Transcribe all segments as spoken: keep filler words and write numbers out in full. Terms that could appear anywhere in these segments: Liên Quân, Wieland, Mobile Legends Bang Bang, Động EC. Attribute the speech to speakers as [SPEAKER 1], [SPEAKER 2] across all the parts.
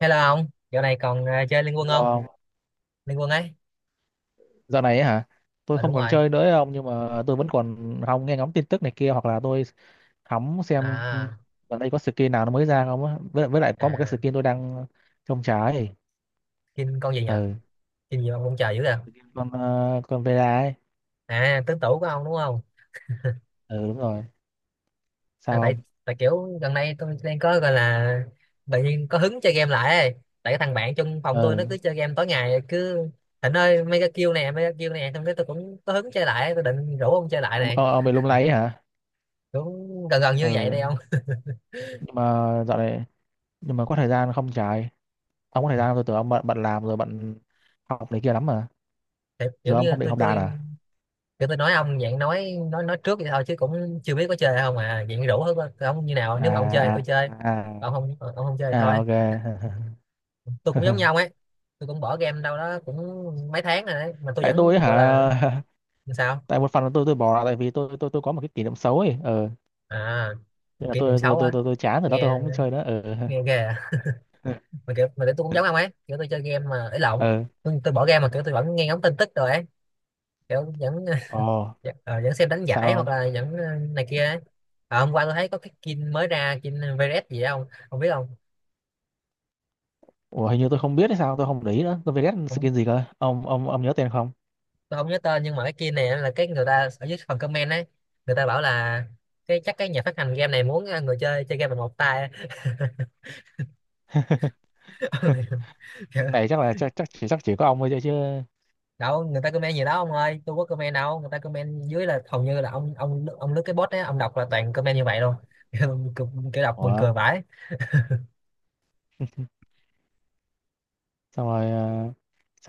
[SPEAKER 1] Hello ông, dạo này còn ờ, chơi Liên Quân
[SPEAKER 2] Lo
[SPEAKER 1] không?
[SPEAKER 2] không?
[SPEAKER 1] Liên Quân ấy.
[SPEAKER 2] Dạo này ấy hả? Tôi
[SPEAKER 1] Ờ
[SPEAKER 2] không
[SPEAKER 1] đúng
[SPEAKER 2] còn
[SPEAKER 1] rồi.
[SPEAKER 2] chơi nữa ông, nhưng mà tôi vẫn còn hóng nghe ngóng tin tức này kia, hoặc là tôi hóng xem
[SPEAKER 1] À
[SPEAKER 2] gần đây có skin nào nó mới ra không á. Với, với lại có một cái
[SPEAKER 1] à
[SPEAKER 2] skin tôi đang trông trái.
[SPEAKER 1] Kim con gì nhỉ?
[SPEAKER 2] Ừ.
[SPEAKER 1] Kim gì mà ông chờ dữ kìa.
[SPEAKER 2] Skin con ờ, con Vera ấy.
[SPEAKER 1] À, tứ tủ của ông đúng không?
[SPEAKER 2] Ừ đúng rồi. Sao
[SPEAKER 1] À, tại
[SPEAKER 2] không?
[SPEAKER 1] tại kiểu gần đây tôi đang có gọi là tự nhiên có hứng chơi game lại ấy. Tại cái thằng bạn trong phòng tôi nó
[SPEAKER 2] Ừ.
[SPEAKER 1] cứ chơi game tối ngày cứ Thịnh ơi mấy cái kill nè, mấy cái kill nè, xong cái tôi cũng có hứng chơi lại, tôi định rủ ông chơi lại
[SPEAKER 2] Ông,
[SPEAKER 1] này.
[SPEAKER 2] ông, ông bị lung lay ấy hả?
[SPEAKER 1] Cũng gần gần như vậy
[SPEAKER 2] Ừ.
[SPEAKER 1] đây ông.
[SPEAKER 2] Nhưng mà dạo này, nhưng mà có thời gian không trái. Ông có thời gian không? Tôi tưởng ông bận bận làm rồi bận học này kia lắm mà.
[SPEAKER 1] Thì
[SPEAKER 2] Giờ
[SPEAKER 1] kiểu
[SPEAKER 2] ông
[SPEAKER 1] như
[SPEAKER 2] không định
[SPEAKER 1] tôi
[SPEAKER 2] học đàn
[SPEAKER 1] tôi
[SPEAKER 2] à?
[SPEAKER 1] kiểu tôi nói ông dạng nói nói nói trước vậy thôi chứ cũng chưa biết có chơi không, à dạng rủ thôi, ông như nào nếu mà ông chơi thì
[SPEAKER 2] À
[SPEAKER 1] tôi
[SPEAKER 2] à
[SPEAKER 1] chơi,
[SPEAKER 2] à,
[SPEAKER 1] còn không ờ, ông không chơi thì thôi.
[SPEAKER 2] à ok.
[SPEAKER 1] Tôi cũng giống nhau ấy, tôi cũng bỏ game đâu đó cũng mấy tháng rồi đấy mà tôi
[SPEAKER 2] Tại tôi
[SPEAKER 1] vẫn
[SPEAKER 2] ấy
[SPEAKER 1] gọi là
[SPEAKER 2] hả.
[SPEAKER 1] sao
[SPEAKER 2] Tại một phần là tôi tôi bỏ là tại vì tôi tôi tôi có một cái kỷ niệm xấu ấy. ờ
[SPEAKER 1] à,
[SPEAKER 2] Nên là
[SPEAKER 1] kỷ niệm
[SPEAKER 2] tôi tôi
[SPEAKER 1] xấu
[SPEAKER 2] tôi
[SPEAKER 1] á,
[SPEAKER 2] tôi, tôi chán rồi đó, tôi
[SPEAKER 1] nghe
[SPEAKER 2] không chơi nữa ờ
[SPEAKER 1] nghe ghê à. Mà kiểu mà kiểu tôi cũng giống ông ấy, kiểu tôi chơi game mà ấy lộn,
[SPEAKER 2] ờ.
[SPEAKER 1] tôi, tôi bỏ game mà kiểu tôi vẫn nghe ngóng tin tức rồi ấy, kiểu vẫn
[SPEAKER 2] Ồ.
[SPEAKER 1] vẫn, ờ, vẫn xem đánh
[SPEAKER 2] Sao
[SPEAKER 1] giải hoặc
[SPEAKER 2] không?
[SPEAKER 1] là vẫn ờ, này kia ấy. À, hôm qua tôi thấy có cái skin mới ra, skin vê rờ ét gì đó không, không biết không,
[SPEAKER 2] Ủa, hình như tôi không biết hay sao, tôi không để ý nữa. Tôi phải ghét
[SPEAKER 1] không,
[SPEAKER 2] skin gì cơ? Ông ông ông nhớ tên không?
[SPEAKER 1] tôi không nhớ tên nhưng mà cái kia này là cái người ta ở dưới phần comment ấy, người ta bảo là cái chắc cái nhà phát hành game này muốn ờ, người chơi chơi game bằng một tay. Kiểu,
[SPEAKER 2] Này chắc là chắc chắc chỉ chắc chỉ có ông thôi, chứ chứ
[SPEAKER 1] đâu người ta comment gì đó ông ơi, tôi có comment đâu, người ta comment dưới là hầu như là ông ông ông lướt cái bot ấy ông đọc là toàn comment như vậy luôn. Kiểu, kiểu đọc buồn
[SPEAKER 2] Ủa.
[SPEAKER 1] cười vãi.
[SPEAKER 2] Xong rồi. ờ,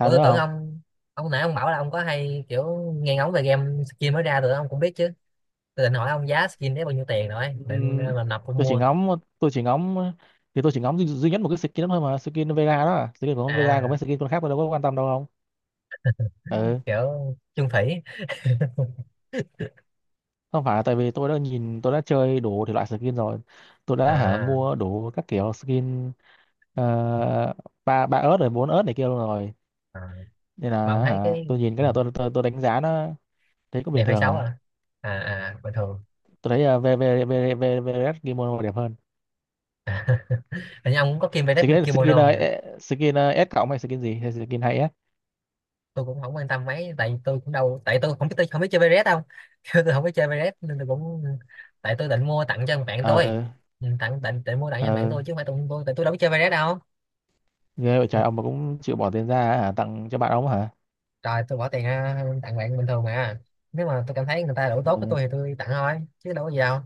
[SPEAKER 1] Ủa tôi
[SPEAKER 2] nữa
[SPEAKER 1] tưởng
[SPEAKER 2] không?
[SPEAKER 1] ông, ông nãy ông bảo là ông có hay kiểu nghe ngóng về game skin mới ra rồi ông cũng biết chứ. Tôi định hỏi ông giá skin đấy bao nhiêu tiền rồi định ờ,
[SPEAKER 2] Ừm,
[SPEAKER 1] là nộp ông
[SPEAKER 2] tôi chỉ
[SPEAKER 1] mua.
[SPEAKER 2] ngắm tôi chỉ ngắm thì tôi chỉ ngắm duy, duy nhất một cái skin đó thôi, mà skin Vega đó à. Skin của ông Vega. Còn
[SPEAKER 1] À,
[SPEAKER 2] mấy skin con khác tôi đâu có quan tâm đâu. Không. Ừ.
[SPEAKER 1] kiểu chung thủy.
[SPEAKER 2] Không phải, là tại vì tôi đã nhìn tôi đã chơi đủ thể loại skin rồi, tôi đã hả
[SPEAKER 1] À,
[SPEAKER 2] mua đủ các kiểu skin ờ, ba ba ớt rồi bốn ớt này kia luôn rồi.
[SPEAKER 1] à.
[SPEAKER 2] Nên
[SPEAKER 1] Mà ông
[SPEAKER 2] là
[SPEAKER 1] thấy
[SPEAKER 2] hả
[SPEAKER 1] cái
[SPEAKER 2] tôi nhìn cái
[SPEAKER 1] ừ,
[SPEAKER 2] nào tôi tôi, tôi đánh giá nó thấy cũng
[SPEAKER 1] đẹp
[SPEAKER 2] bình
[SPEAKER 1] hay
[SPEAKER 2] thường
[SPEAKER 1] xấu
[SPEAKER 2] à.
[SPEAKER 1] à? À à, bình thường
[SPEAKER 2] Tôi thấy uh, VVVVVS Kimono đẹp hơn.
[SPEAKER 1] à. Hình như ông cũng có kim vest với
[SPEAKER 2] skin skin
[SPEAKER 1] kimono
[SPEAKER 2] ờ,
[SPEAKER 1] nha.
[SPEAKER 2] ế- skin ờ, S cộng, hay skin gì, hay skin hay S.
[SPEAKER 1] Tôi cũng không quan tâm mấy, tại tôi cũng đâu, tại tôi không biết, tôi không biết chơi vest đâu. Tôi không biết chơi vest nên tôi cũng, tại tôi định mua tặng cho thằng bạn tôi.
[SPEAKER 2] ờ
[SPEAKER 1] Ừ, tặng định, định mua tặng cho thằng bạn
[SPEAKER 2] ờ
[SPEAKER 1] tôi chứ không phải tôi tôi tại tôi đâu biết chơi vest đâu.
[SPEAKER 2] Nghe vậy
[SPEAKER 1] Ừ.
[SPEAKER 2] trời! Ông mà cũng chịu bỏ tiền ra hả, tặng cho bạn ông hả?
[SPEAKER 1] Trời tôi bỏ tiền ra tặng bạn bình thường mà, nếu mà tôi cảm thấy người ta đủ
[SPEAKER 2] Ờ,
[SPEAKER 1] tốt với tôi thì tôi tặng thôi chứ đâu có gì đâu.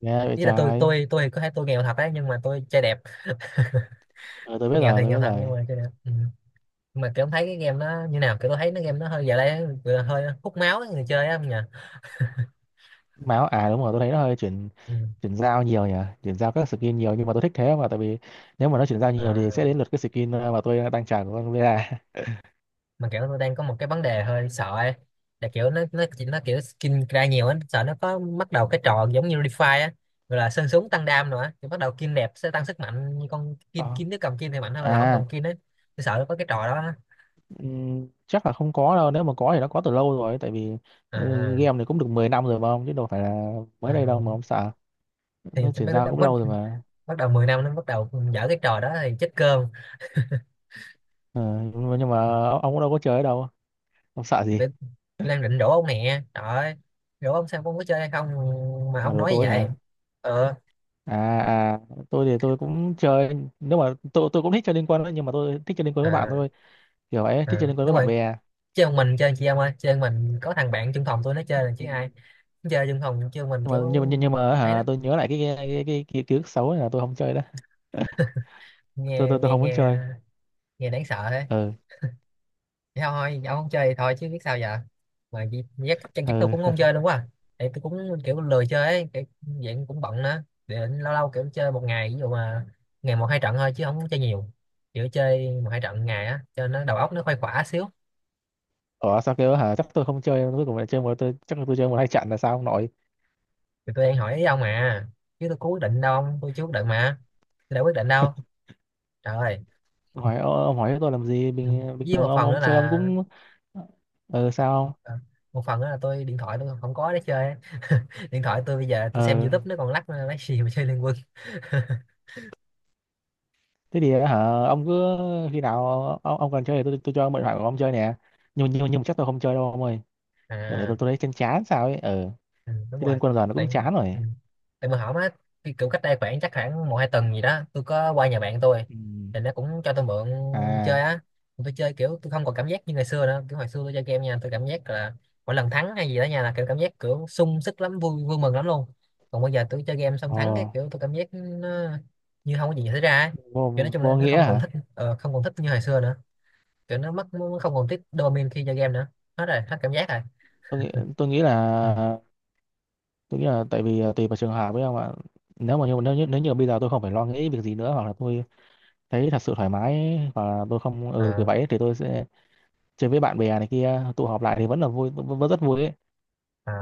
[SPEAKER 2] nghe vậy
[SPEAKER 1] Ý là tôi
[SPEAKER 2] trời.
[SPEAKER 1] tôi tôi thì có thể tôi nghèo thật đấy nhưng mà tôi chơi đẹp,
[SPEAKER 2] ờ tôi biết
[SPEAKER 1] nghèo
[SPEAKER 2] rồi,
[SPEAKER 1] thì
[SPEAKER 2] tôi
[SPEAKER 1] nghèo
[SPEAKER 2] biết
[SPEAKER 1] thật nhưng
[SPEAKER 2] rồi.
[SPEAKER 1] mà chơi đẹp ừ. Nhưng mà kiểu em thấy cái game nó như nào, kiểu tôi thấy nó game nó hơi giờ đây vừa hơi hút máu ấy, người chơi á không nhỉ.
[SPEAKER 2] Máu à, đúng rồi, tôi thấy nó hơi chuyển
[SPEAKER 1] Ừ.
[SPEAKER 2] chuyển giao nhiều nhỉ. Chuyển giao các skin nhiều, nhưng mà tôi thích thế. Mà tại vì nếu mà nó chuyển giao nhiều thì sẽ
[SPEAKER 1] À.
[SPEAKER 2] đến lượt cái skin ờ, mà tôi đang trả của con Vera.
[SPEAKER 1] Mà kiểu tôi đang có một cái vấn đề hơi sợ ấy, là kiểu nó nó chỉ nó kiểu skin ra nhiều ấy, sợ nó có bắt đầu cái trò giống như Refi á, gọi là sơn súng tăng đam nữa thì bắt đầu kim đẹp sẽ tăng sức mạnh, như con kim
[SPEAKER 2] Ờ.
[SPEAKER 1] kim nếu cầm kim thì mạnh hơn là không
[SPEAKER 2] À.
[SPEAKER 1] cầm kim ấy. Tôi sợ nó có cái trò đó á.
[SPEAKER 2] Ừm, chắc là không có đâu. Nếu mà có thì nó có từ lâu rồi, tại vì ừ,
[SPEAKER 1] À,
[SPEAKER 2] game này cũng được mười năm rồi mà ông, chứ đâu phải là mới đây đâu mà
[SPEAKER 1] à.
[SPEAKER 2] ông sợ.
[SPEAKER 1] Thì
[SPEAKER 2] Nó chuyển
[SPEAKER 1] bắt,
[SPEAKER 2] giao cũng
[SPEAKER 1] bắt,
[SPEAKER 2] lâu rồi mà.
[SPEAKER 1] bắt đầu mười năm nó bắt đầu dở cái trò đó thì chết cơm.
[SPEAKER 2] Ờ, nhưng mà nhưng mà ông cũng đâu có chơi ở đâu, ông sợ
[SPEAKER 1] Thì
[SPEAKER 2] gì.
[SPEAKER 1] phải Lan định rủ ông nè trời ơi, rủ ông xem ông có chơi hay không mà
[SPEAKER 2] À,
[SPEAKER 1] ông
[SPEAKER 2] đồ
[SPEAKER 1] nói như
[SPEAKER 2] tối
[SPEAKER 1] vậy.
[SPEAKER 2] hả?
[SPEAKER 1] Ờ,
[SPEAKER 2] À à. Tôi thì tôi cũng chơi. Nếu mà tôi tôi cũng thích chơi liên quân đấy, nhưng mà tôi thích chơi liên quân với bạn
[SPEAKER 1] à,
[SPEAKER 2] thôi, kiểu vậy. Thích chơi
[SPEAKER 1] à,
[SPEAKER 2] liên quân với
[SPEAKER 1] đúng
[SPEAKER 2] bạn
[SPEAKER 1] rồi.
[SPEAKER 2] bè.
[SPEAKER 1] Chơi một mình chơi chị em ơi, chơi một mình có thằng bạn chung phòng tôi nó
[SPEAKER 2] Ừ.
[SPEAKER 1] chơi là chứ ai. Nó chơi chung phòng chơi một mình
[SPEAKER 2] Nhưng mà, nhưng mà
[SPEAKER 1] kiểu
[SPEAKER 2] nhưng nhưng mà
[SPEAKER 1] ấy
[SPEAKER 2] hả
[SPEAKER 1] lắm.
[SPEAKER 2] tôi nhớ lại cái cái cái, cái, cái ký ức xấu này là tôi không chơi đó. tôi
[SPEAKER 1] Nghe
[SPEAKER 2] tôi tôi
[SPEAKER 1] nghe
[SPEAKER 2] không
[SPEAKER 1] nghe,
[SPEAKER 2] muốn chơi.
[SPEAKER 1] nghe đáng sợ thế.
[SPEAKER 2] Ừ
[SPEAKER 1] Thế thôi ông không chơi thì thôi chứ biết sao giờ, mà gi- giác chắc chắc tôi
[SPEAKER 2] ừ.
[SPEAKER 1] cũng không chơi luôn quá à. Thì tôi cũng kiểu lười chơi ấy, kiểu dạng cũng bận nữa, để lâu lâu kiểu chơi một ngày, ví dụ mà ngày một hai trận thôi chứ không có chơi nhiều, kiểu chơi một hai trận ngày á cho nó đầu óc nó khuây khỏa xíu.
[SPEAKER 2] Ủa sao kêu hả? Chắc tôi không chơi, cuối cùng lại chơi một, tôi chắc là tôi chơi một hai trận là sao ông nội?
[SPEAKER 1] Thì tôi đang hỏi ý ông mà, chứ tôi có quyết định đâu ông, tôi chưa quyết định mà, tôi đã quyết định đâu, trời ơi.
[SPEAKER 2] Hỏi "Ô, ông hỏi tôi làm gì?
[SPEAKER 1] Ừ.
[SPEAKER 2] bình bình
[SPEAKER 1] Với
[SPEAKER 2] thường
[SPEAKER 1] một
[SPEAKER 2] ông
[SPEAKER 1] phần
[SPEAKER 2] ông
[SPEAKER 1] nữa
[SPEAKER 2] chơi ông
[SPEAKER 1] là,
[SPEAKER 2] cũng". Ừ. Sao không?
[SPEAKER 1] à, một phần nữa là tôi điện thoại tôi không có để chơi á. Điện thoại tôi bây giờ tôi xem
[SPEAKER 2] Ừ,
[SPEAKER 1] YouTube nó còn lắc lấy gì mà chơi Liên Quân.
[SPEAKER 2] thế thì hả ông cứ, khi nào ông, ông cần chơi thì tôi tôi cho ông mượn thoại của ông chơi nè. Nhưng nhưng nhưng mà chắc tôi không chơi đâu ông ơi. Giờ này
[SPEAKER 1] À
[SPEAKER 2] tôi tôi thấy chán chán sao ấy. Ừ.
[SPEAKER 1] ừ, đúng
[SPEAKER 2] Thế liên
[SPEAKER 1] rồi.
[SPEAKER 2] quân giờ nó
[SPEAKER 1] Tại
[SPEAKER 2] cũng chán rồi.
[SPEAKER 1] ừ. Tại mà hỏng á, cái kiểu cách đây khoảng chắc khoảng một hai tuần gì đó tôi có qua nhà bạn tôi,
[SPEAKER 2] Ừ.
[SPEAKER 1] thì nó cũng cho tôi mượn chơi
[SPEAKER 2] À.
[SPEAKER 1] á. Mà tôi chơi kiểu tôi không còn cảm giác như ngày xưa nữa, kiểu hồi xưa tôi chơi game nha tôi cảm giác là mỗi lần thắng hay gì đó nha là kiểu cảm giác kiểu sung sức lắm, vui vui mừng lắm luôn. Còn bây giờ tôi chơi game xong
[SPEAKER 2] Ờ,
[SPEAKER 1] thắng cái kiểu tôi cảm giác nó như không có gì xảy ra ấy. Kiểu nói
[SPEAKER 2] vô,
[SPEAKER 1] chung là
[SPEAKER 2] vô
[SPEAKER 1] nó
[SPEAKER 2] nghĩa
[SPEAKER 1] không còn
[SPEAKER 2] hả?
[SPEAKER 1] thích ờ, không còn thích như hồi xưa nữa, kiểu nó mất nó không còn tiết dopamine khi chơi game nữa, hết rồi hết cảm giác rồi
[SPEAKER 2] Tôi nghĩ tôi nghĩ
[SPEAKER 1] ừ.
[SPEAKER 2] là tôi nghĩ là tại vì à, tùy vào trường hợp với không ạ. Nếu mà như nếu như, nếu như bây giờ tôi không phải lo nghĩ việc gì nữa, hoặc là tôi thấy thật sự thoải mái, hoặc là tôi không ừ được kiểu
[SPEAKER 1] Ờ,
[SPEAKER 2] vậy ấy, thì tôi sẽ chơi với bạn bè này kia, tụ họp lại thì vẫn là vui, vẫn, vẫn rất vui ấy.
[SPEAKER 1] ờ.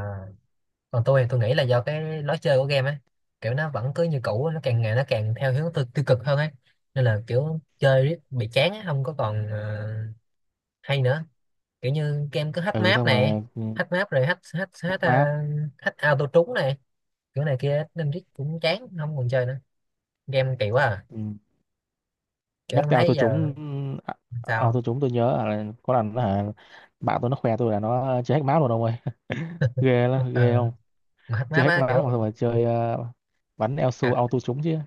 [SPEAKER 1] Còn tôi thì tôi nghĩ là do cái lối chơi của game á, kiểu nó vẫn cứ như cũ, nó càng ngày nó càng theo hướng tiêu, tiêu cực hơn ấy, nên là kiểu chơi riết bị chán á, không có còn ờ, hay nữa. Kiểu như game cứ hack
[SPEAKER 2] Ừ
[SPEAKER 1] map
[SPEAKER 2] xong
[SPEAKER 1] này,
[SPEAKER 2] rồi. Ừ,
[SPEAKER 1] hack map rồi hack hack hack,
[SPEAKER 2] hack
[SPEAKER 1] ờ,
[SPEAKER 2] map.
[SPEAKER 1] hack auto trúng này kiểu này kia nên riết cũng chán không còn chơi nữa, game kỳ quá à.
[SPEAKER 2] Ừ,
[SPEAKER 1] Kiểu
[SPEAKER 2] nhắc
[SPEAKER 1] em
[SPEAKER 2] theo
[SPEAKER 1] thấy
[SPEAKER 2] tôi
[SPEAKER 1] giờ
[SPEAKER 2] trúng. À, à,
[SPEAKER 1] sao.
[SPEAKER 2] tôi trúng. Tôi nhớ là có lần là bạn tôi nó khoe tôi là nó chơi hack map rồi đâu ơi, ghê lắm ghê
[SPEAKER 1] Ờ,
[SPEAKER 2] không.
[SPEAKER 1] mà hack
[SPEAKER 2] Chơi
[SPEAKER 1] map
[SPEAKER 2] hack
[SPEAKER 1] á
[SPEAKER 2] map mà, xong
[SPEAKER 1] kiểu.
[SPEAKER 2] rồi chơi ờ, bắn eo
[SPEAKER 1] À,
[SPEAKER 2] su auto trúng chứ.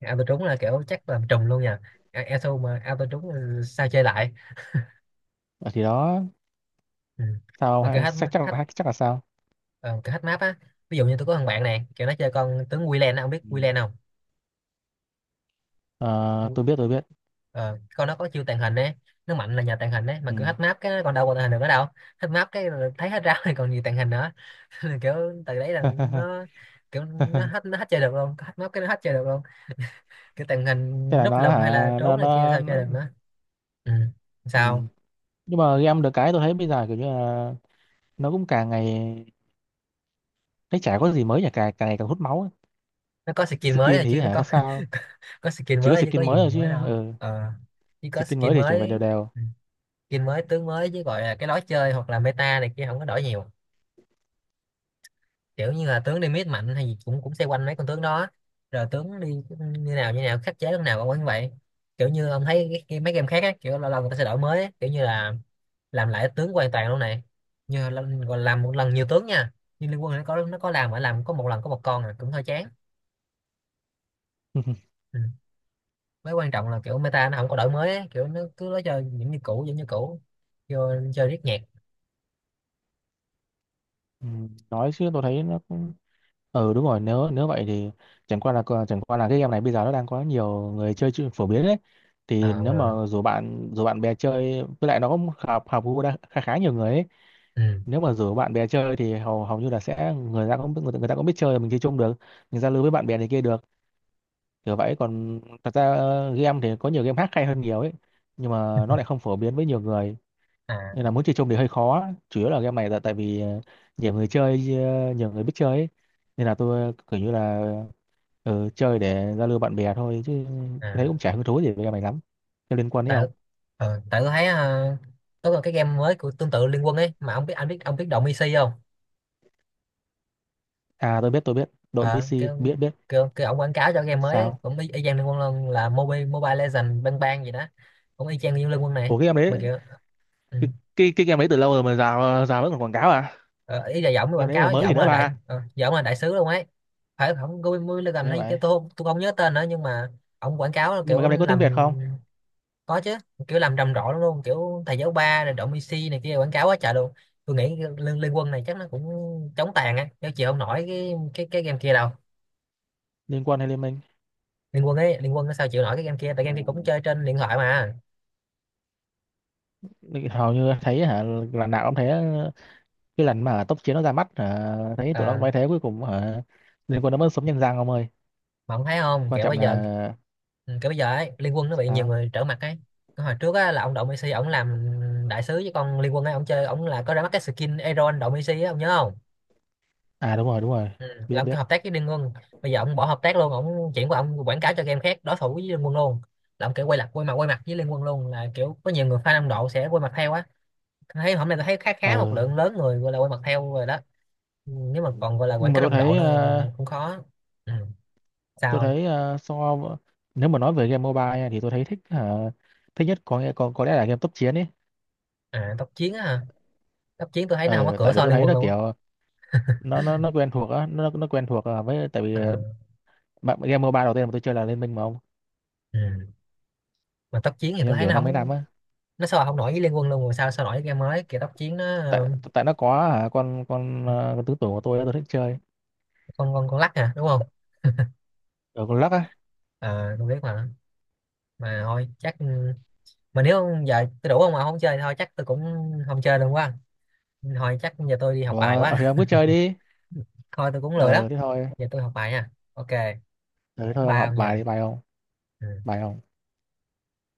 [SPEAKER 1] auto trúng là kiểu chắc làm trùm luôn nha. À, auto mà auto trúng ờ, sao chơi lại.
[SPEAKER 2] Ờ, thì đó.
[SPEAKER 1] Ừ.
[SPEAKER 2] Sao
[SPEAKER 1] Mà kiểu
[SPEAKER 2] hay-
[SPEAKER 1] hack
[SPEAKER 2] chắc chắc
[SPEAKER 1] hack
[SPEAKER 2] là chắc là sao.
[SPEAKER 1] ờ, kiểu hack map á, ví dụ như tôi có thằng bạn này kiểu nó chơi con tướng Wieland á, ông biết
[SPEAKER 2] Ừ.
[SPEAKER 1] Wieland không?
[SPEAKER 2] Ờ, tôi biết tôi biết.
[SPEAKER 1] Ờ, con nó có chiêu tàng hình đấy, nó mạnh là nhờ tàng hình đấy mà
[SPEAKER 2] Ừ.
[SPEAKER 1] cứ hack map cái nó còn đâu còn tàng hình được nữa đâu. Hack map cái là thấy hết rau thì còn gì tàng hình nữa. Nên kiểu từ đấy là nó kiểu nó hết, nó hết chơi được luôn, hack map cái nó hết chơi được luôn, kiểu tàng hình
[SPEAKER 2] Thế là
[SPEAKER 1] núp
[SPEAKER 2] nó
[SPEAKER 1] lùm hay là
[SPEAKER 2] hả, nó
[SPEAKER 1] trốn này kia
[SPEAKER 2] nó,
[SPEAKER 1] sao
[SPEAKER 2] nó...
[SPEAKER 1] chơi được nữa. Ừ.
[SPEAKER 2] Ừ.
[SPEAKER 1] Sao?
[SPEAKER 2] Nhưng mà game được cái tôi thấy bây giờ kiểu như là nó cũng càng ngày, thấy chả có gì mới nhỉ, càng càng ngày càng hút máu ấy.
[SPEAKER 1] Nó có skin mới
[SPEAKER 2] Skin
[SPEAKER 1] rồi
[SPEAKER 2] thì
[SPEAKER 1] chứ nó
[SPEAKER 2] hả
[SPEAKER 1] có
[SPEAKER 2] sao sao,
[SPEAKER 1] có skin
[SPEAKER 2] chỉ có
[SPEAKER 1] mới chứ có
[SPEAKER 2] skin
[SPEAKER 1] gì
[SPEAKER 2] mới thôi chứ.
[SPEAKER 1] mới đâu.
[SPEAKER 2] Ừ.
[SPEAKER 1] Ờ chỉ có
[SPEAKER 2] Skin
[SPEAKER 1] skin
[SPEAKER 2] mới thì chuyển về đều
[SPEAKER 1] mới.
[SPEAKER 2] đều.
[SPEAKER 1] Ừ. Skin mới tướng mới chứ gọi là cái lối chơi hoặc là meta này kia không có đổi nhiều, kiểu như là tướng đi mid mạnh hay gì cũng cũng xoay quanh mấy con tướng đó, rồi tướng đi như nào như nào khắc chế lúc nào cũng như vậy. Kiểu như ông thấy cái, cái, mấy game khác á kiểu lâu lâu người ta sẽ đổi mới á, kiểu như là làm lại tướng hoàn toàn luôn này, như là, gọi là làm một lần nhiều tướng nha, như Liên Quân nó có nó có làm mà làm có một lần có một con à cũng hơi chán. Ừ. Mới quan trọng là kiểu meta nó không có đổi mới á, kiểu nó cứ lối chơi vẫn như cũ vẫn như cũ, vô chơi riết nhạc.
[SPEAKER 2] Ừ. Nói chứ tôi thấy nó cũng, ừ đúng rồi. Nếu nếu vậy thì, chẳng qua là ờ, chẳng qua là cái game này bây giờ nó đang có nhiều người chơi, chơi phổ biến đấy. Thì
[SPEAKER 1] Ờ,
[SPEAKER 2] nếu mà rủ bạn rủ bạn bè chơi với lại nó cũng hợp hợp gu đa- khá khá nhiều người ấy.
[SPEAKER 1] ừ.
[SPEAKER 2] Nếu mà rủ bạn bè chơi thì hầu hầu như là sẽ người ta cũng người, ta- người ta cũng biết chơi rồi, mình chơi chung được, mình giao lưu với bạn bè này kia được, kiểu vậy. Còn thật ra ờ, game thì có nhiều game khác hay hơn nhiều ấy, nhưng mà nó lại không phổ biến với nhiều người,
[SPEAKER 1] À,
[SPEAKER 2] nên là muốn chơi chung thì hơi khó. Chủ yếu là game này tại tại vì ờ, nhiều người chơi, ờ, nhiều người biết chơi ấy. Nên là tôi kiểu như là ờ, chơi để giao lưu bạn bè thôi, chứ thấy
[SPEAKER 1] à.
[SPEAKER 2] cũng chả hứng thú gì với game này lắm. Thế liên quan đấy
[SPEAKER 1] Tại
[SPEAKER 2] không?
[SPEAKER 1] ờ, tại tôi thấy ờ, có còn cái game mới của tương tự Liên Quân ấy mà ông biết anh biết ông biết Động e xê không?
[SPEAKER 2] À, tôi biết tôi biết đội
[SPEAKER 1] Ờ, cái
[SPEAKER 2] pê xê, biết
[SPEAKER 1] ông-
[SPEAKER 2] biết.
[SPEAKER 1] cái cái ông quảng cáo cho game mới ấy,
[SPEAKER 2] Sao?
[SPEAKER 1] cũng y, y chang Liên Quân luôn là Mobile Mobile Legends Bang Bang gì đó, cũng y chang như Liên Quân này
[SPEAKER 2] Ủa, cái game
[SPEAKER 1] mà
[SPEAKER 2] đấy,
[SPEAKER 1] kiểu ừ.
[SPEAKER 2] cái cái, cái game đấy từ lâu rồi mà, rào rào vẫn còn quảng cáo à?
[SPEAKER 1] Ờ, ý là giọng cái quảng
[SPEAKER 2] Game đấy còn
[SPEAKER 1] cáo
[SPEAKER 2] mới gì
[SPEAKER 1] giọng
[SPEAKER 2] nữa
[SPEAKER 1] là đại
[SPEAKER 2] ba.
[SPEAKER 1] ờ, giọng là đại sứ luôn ấy, phải không Mobile Legends
[SPEAKER 2] Nghe
[SPEAKER 1] hay
[SPEAKER 2] vậy.
[SPEAKER 1] cái tôi không- tôi không nhớ tên nữa nhưng mà ông quảng cáo là
[SPEAKER 2] Nhưng mà
[SPEAKER 1] kiểu
[SPEAKER 2] game này có tiếng
[SPEAKER 1] làm,
[SPEAKER 2] Việt không?
[SPEAKER 1] có chứ, kiểu làm rầm rộ lắm luôn kiểu thầy giáo ba rồi động i xê này kia quảng cáo quá trời luôn. Tôi nghĩ liên, liên quân này chắc nó cũng chống tàn á chứ chịu không nổi cái cái cái game kia đâu.
[SPEAKER 2] Liên Quân hay Liên Minh?
[SPEAKER 1] Liên quân ấy, liên quân nó sao chịu nổi cái game kia, tại game kia cũng
[SPEAKER 2] Ừ,
[SPEAKER 1] chơi trên điện thoại mà.
[SPEAKER 2] hầu như thấy hả, là nào cũng thế. Cái lần mà tốc chiến nó ra mắt hả, thấy tụi nó cũng
[SPEAKER 1] Ờ,
[SPEAKER 2] bay thế, cuối cùng hả, liên quân nó vẫn sống nhân răng ông ơi.
[SPEAKER 1] mà ông thấy không
[SPEAKER 2] Quan
[SPEAKER 1] kiểu
[SPEAKER 2] trọng
[SPEAKER 1] bây
[SPEAKER 2] là
[SPEAKER 1] giờ ừ, kiểu bây giờ ấy liên quân nó bị nhiều
[SPEAKER 2] sao?
[SPEAKER 1] người trở mặt ấy. Cái hồi trước á là ông động i xê ông làm đại sứ với con liên quân ấy, ông chơi ông là có ra mắt cái skin Aeron động i xê á, ông nhớ không?
[SPEAKER 2] À đúng rồi, đúng rồi.
[SPEAKER 1] Ừ.
[SPEAKER 2] biết
[SPEAKER 1] Làm cái
[SPEAKER 2] biết
[SPEAKER 1] hợp tác với Liên Quân, bây giờ ông bỏ hợp tác luôn, ông chuyển qua ông quảng cáo cho game khác đối thủ với Liên Quân luôn, là ông kiểu quay lại quay mặt quay mặt với Liên Quân luôn, là kiểu có nhiều người fan Nam Độ sẽ quay mặt theo á. Tôi thấy hôm nay tôi thấy khá khá một
[SPEAKER 2] ờ
[SPEAKER 1] lượng lớn người gọi là quay mặt theo rồi đó. Ừ, nếu mà còn gọi là quảng
[SPEAKER 2] nhưng mà
[SPEAKER 1] cáo
[SPEAKER 2] tôi
[SPEAKER 1] rầm rộ
[SPEAKER 2] thấy
[SPEAKER 1] nữa
[SPEAKER 2] ờ,
[SPEAKER 1] cũng khó. Ừ.
[SPEAKER 2] tôi
[SPEAKER 1] Sao?
[SPEAKER 2] thấy ờ, so v- nếu mà nói về game mobile nha, thì tôi thấy thích hả, thích nhất có nghĩa, có có lẽ là game tốc chiến ấy.
[SPEAKER 1] À tốc chiến á hả, tốc chiến tôi thấy nó không có
[SPEAKER 2] Ờ,
[SPEAKER 1] cửa
[SPEAKER 2] tại vì
[SPEAKER 1] so
[SPEAKER 2] tôi
[SPEAKER 1] Liên
[SPEAKER 2] thấy
[SPEAKER 1] Quân
[SPEAKER 2] là
[SPEAKER 1] luôn á.
[SPEAKER 2] kiểu nó nó nó quen thuộc á, nó nó quen thuộc à, với tại vì
[SPEAKER 1] À,
[SPEAKER 2] ờ, bạn- game mobile đầu tiên mà tôi chơi là Liên Minh mà ông,
[SPEAKER 1] ừ. Mà tốc chiến thì tôi
[SPEAKER 2] game
[SPEAKER 1] thấy
[SPEAKER 2] kiểu
[SPEAKER 1] nó
[SPEAKER 2] năm mấy năm
[SPEAKER 1] không,
[SPEAKER 2] á.
[SPEAKER 1] nó sao không nổi với Liên Quân luôn rồi sao sao nổi với game mới kiểu tốc chiến nó ờ,
[SPEAKER 2] Tại tại nó có hả, con con ờ, con tứ tưởng của tôi á, tôi thích chơi
[SPEAKER 1] con con con lắc à đúng không.
[SPEAKER 2] ở con lắc á.
[SPEAKER 1] Ờ, tôi biết mà. Mà thôi chắc ừ, mà nếu giờ tôi đủ không mà không chơi thôi chắc tôi cũng không chơi luôn quá, thôi chắc giờ tôi đi học
[SPEAKER 2] Ủa,
[SPEAKER 1] bài
[SPEAKER 2] ờ, thì
[SPEAKER 1] quá.
[SPEAKER 2] ông cứ chơi đi.
[SPEAKER 1] Thôi tôi cũng lười lắm,
[SPEAKER 2] Ờ, thế thôi.
[SPEAKER 1] giờ tôi học bài nha ok,
[SPEAKER 2] Ờ, thế thôi ông
[SPEAKER 1] ba
[SPEAKER 2] học bài
[SPEAKER 1] nha.
[SPEAKER 2] đi, bài không?
[SPEAKER 1] Ừ.
[SPEAKER 2] Bài không?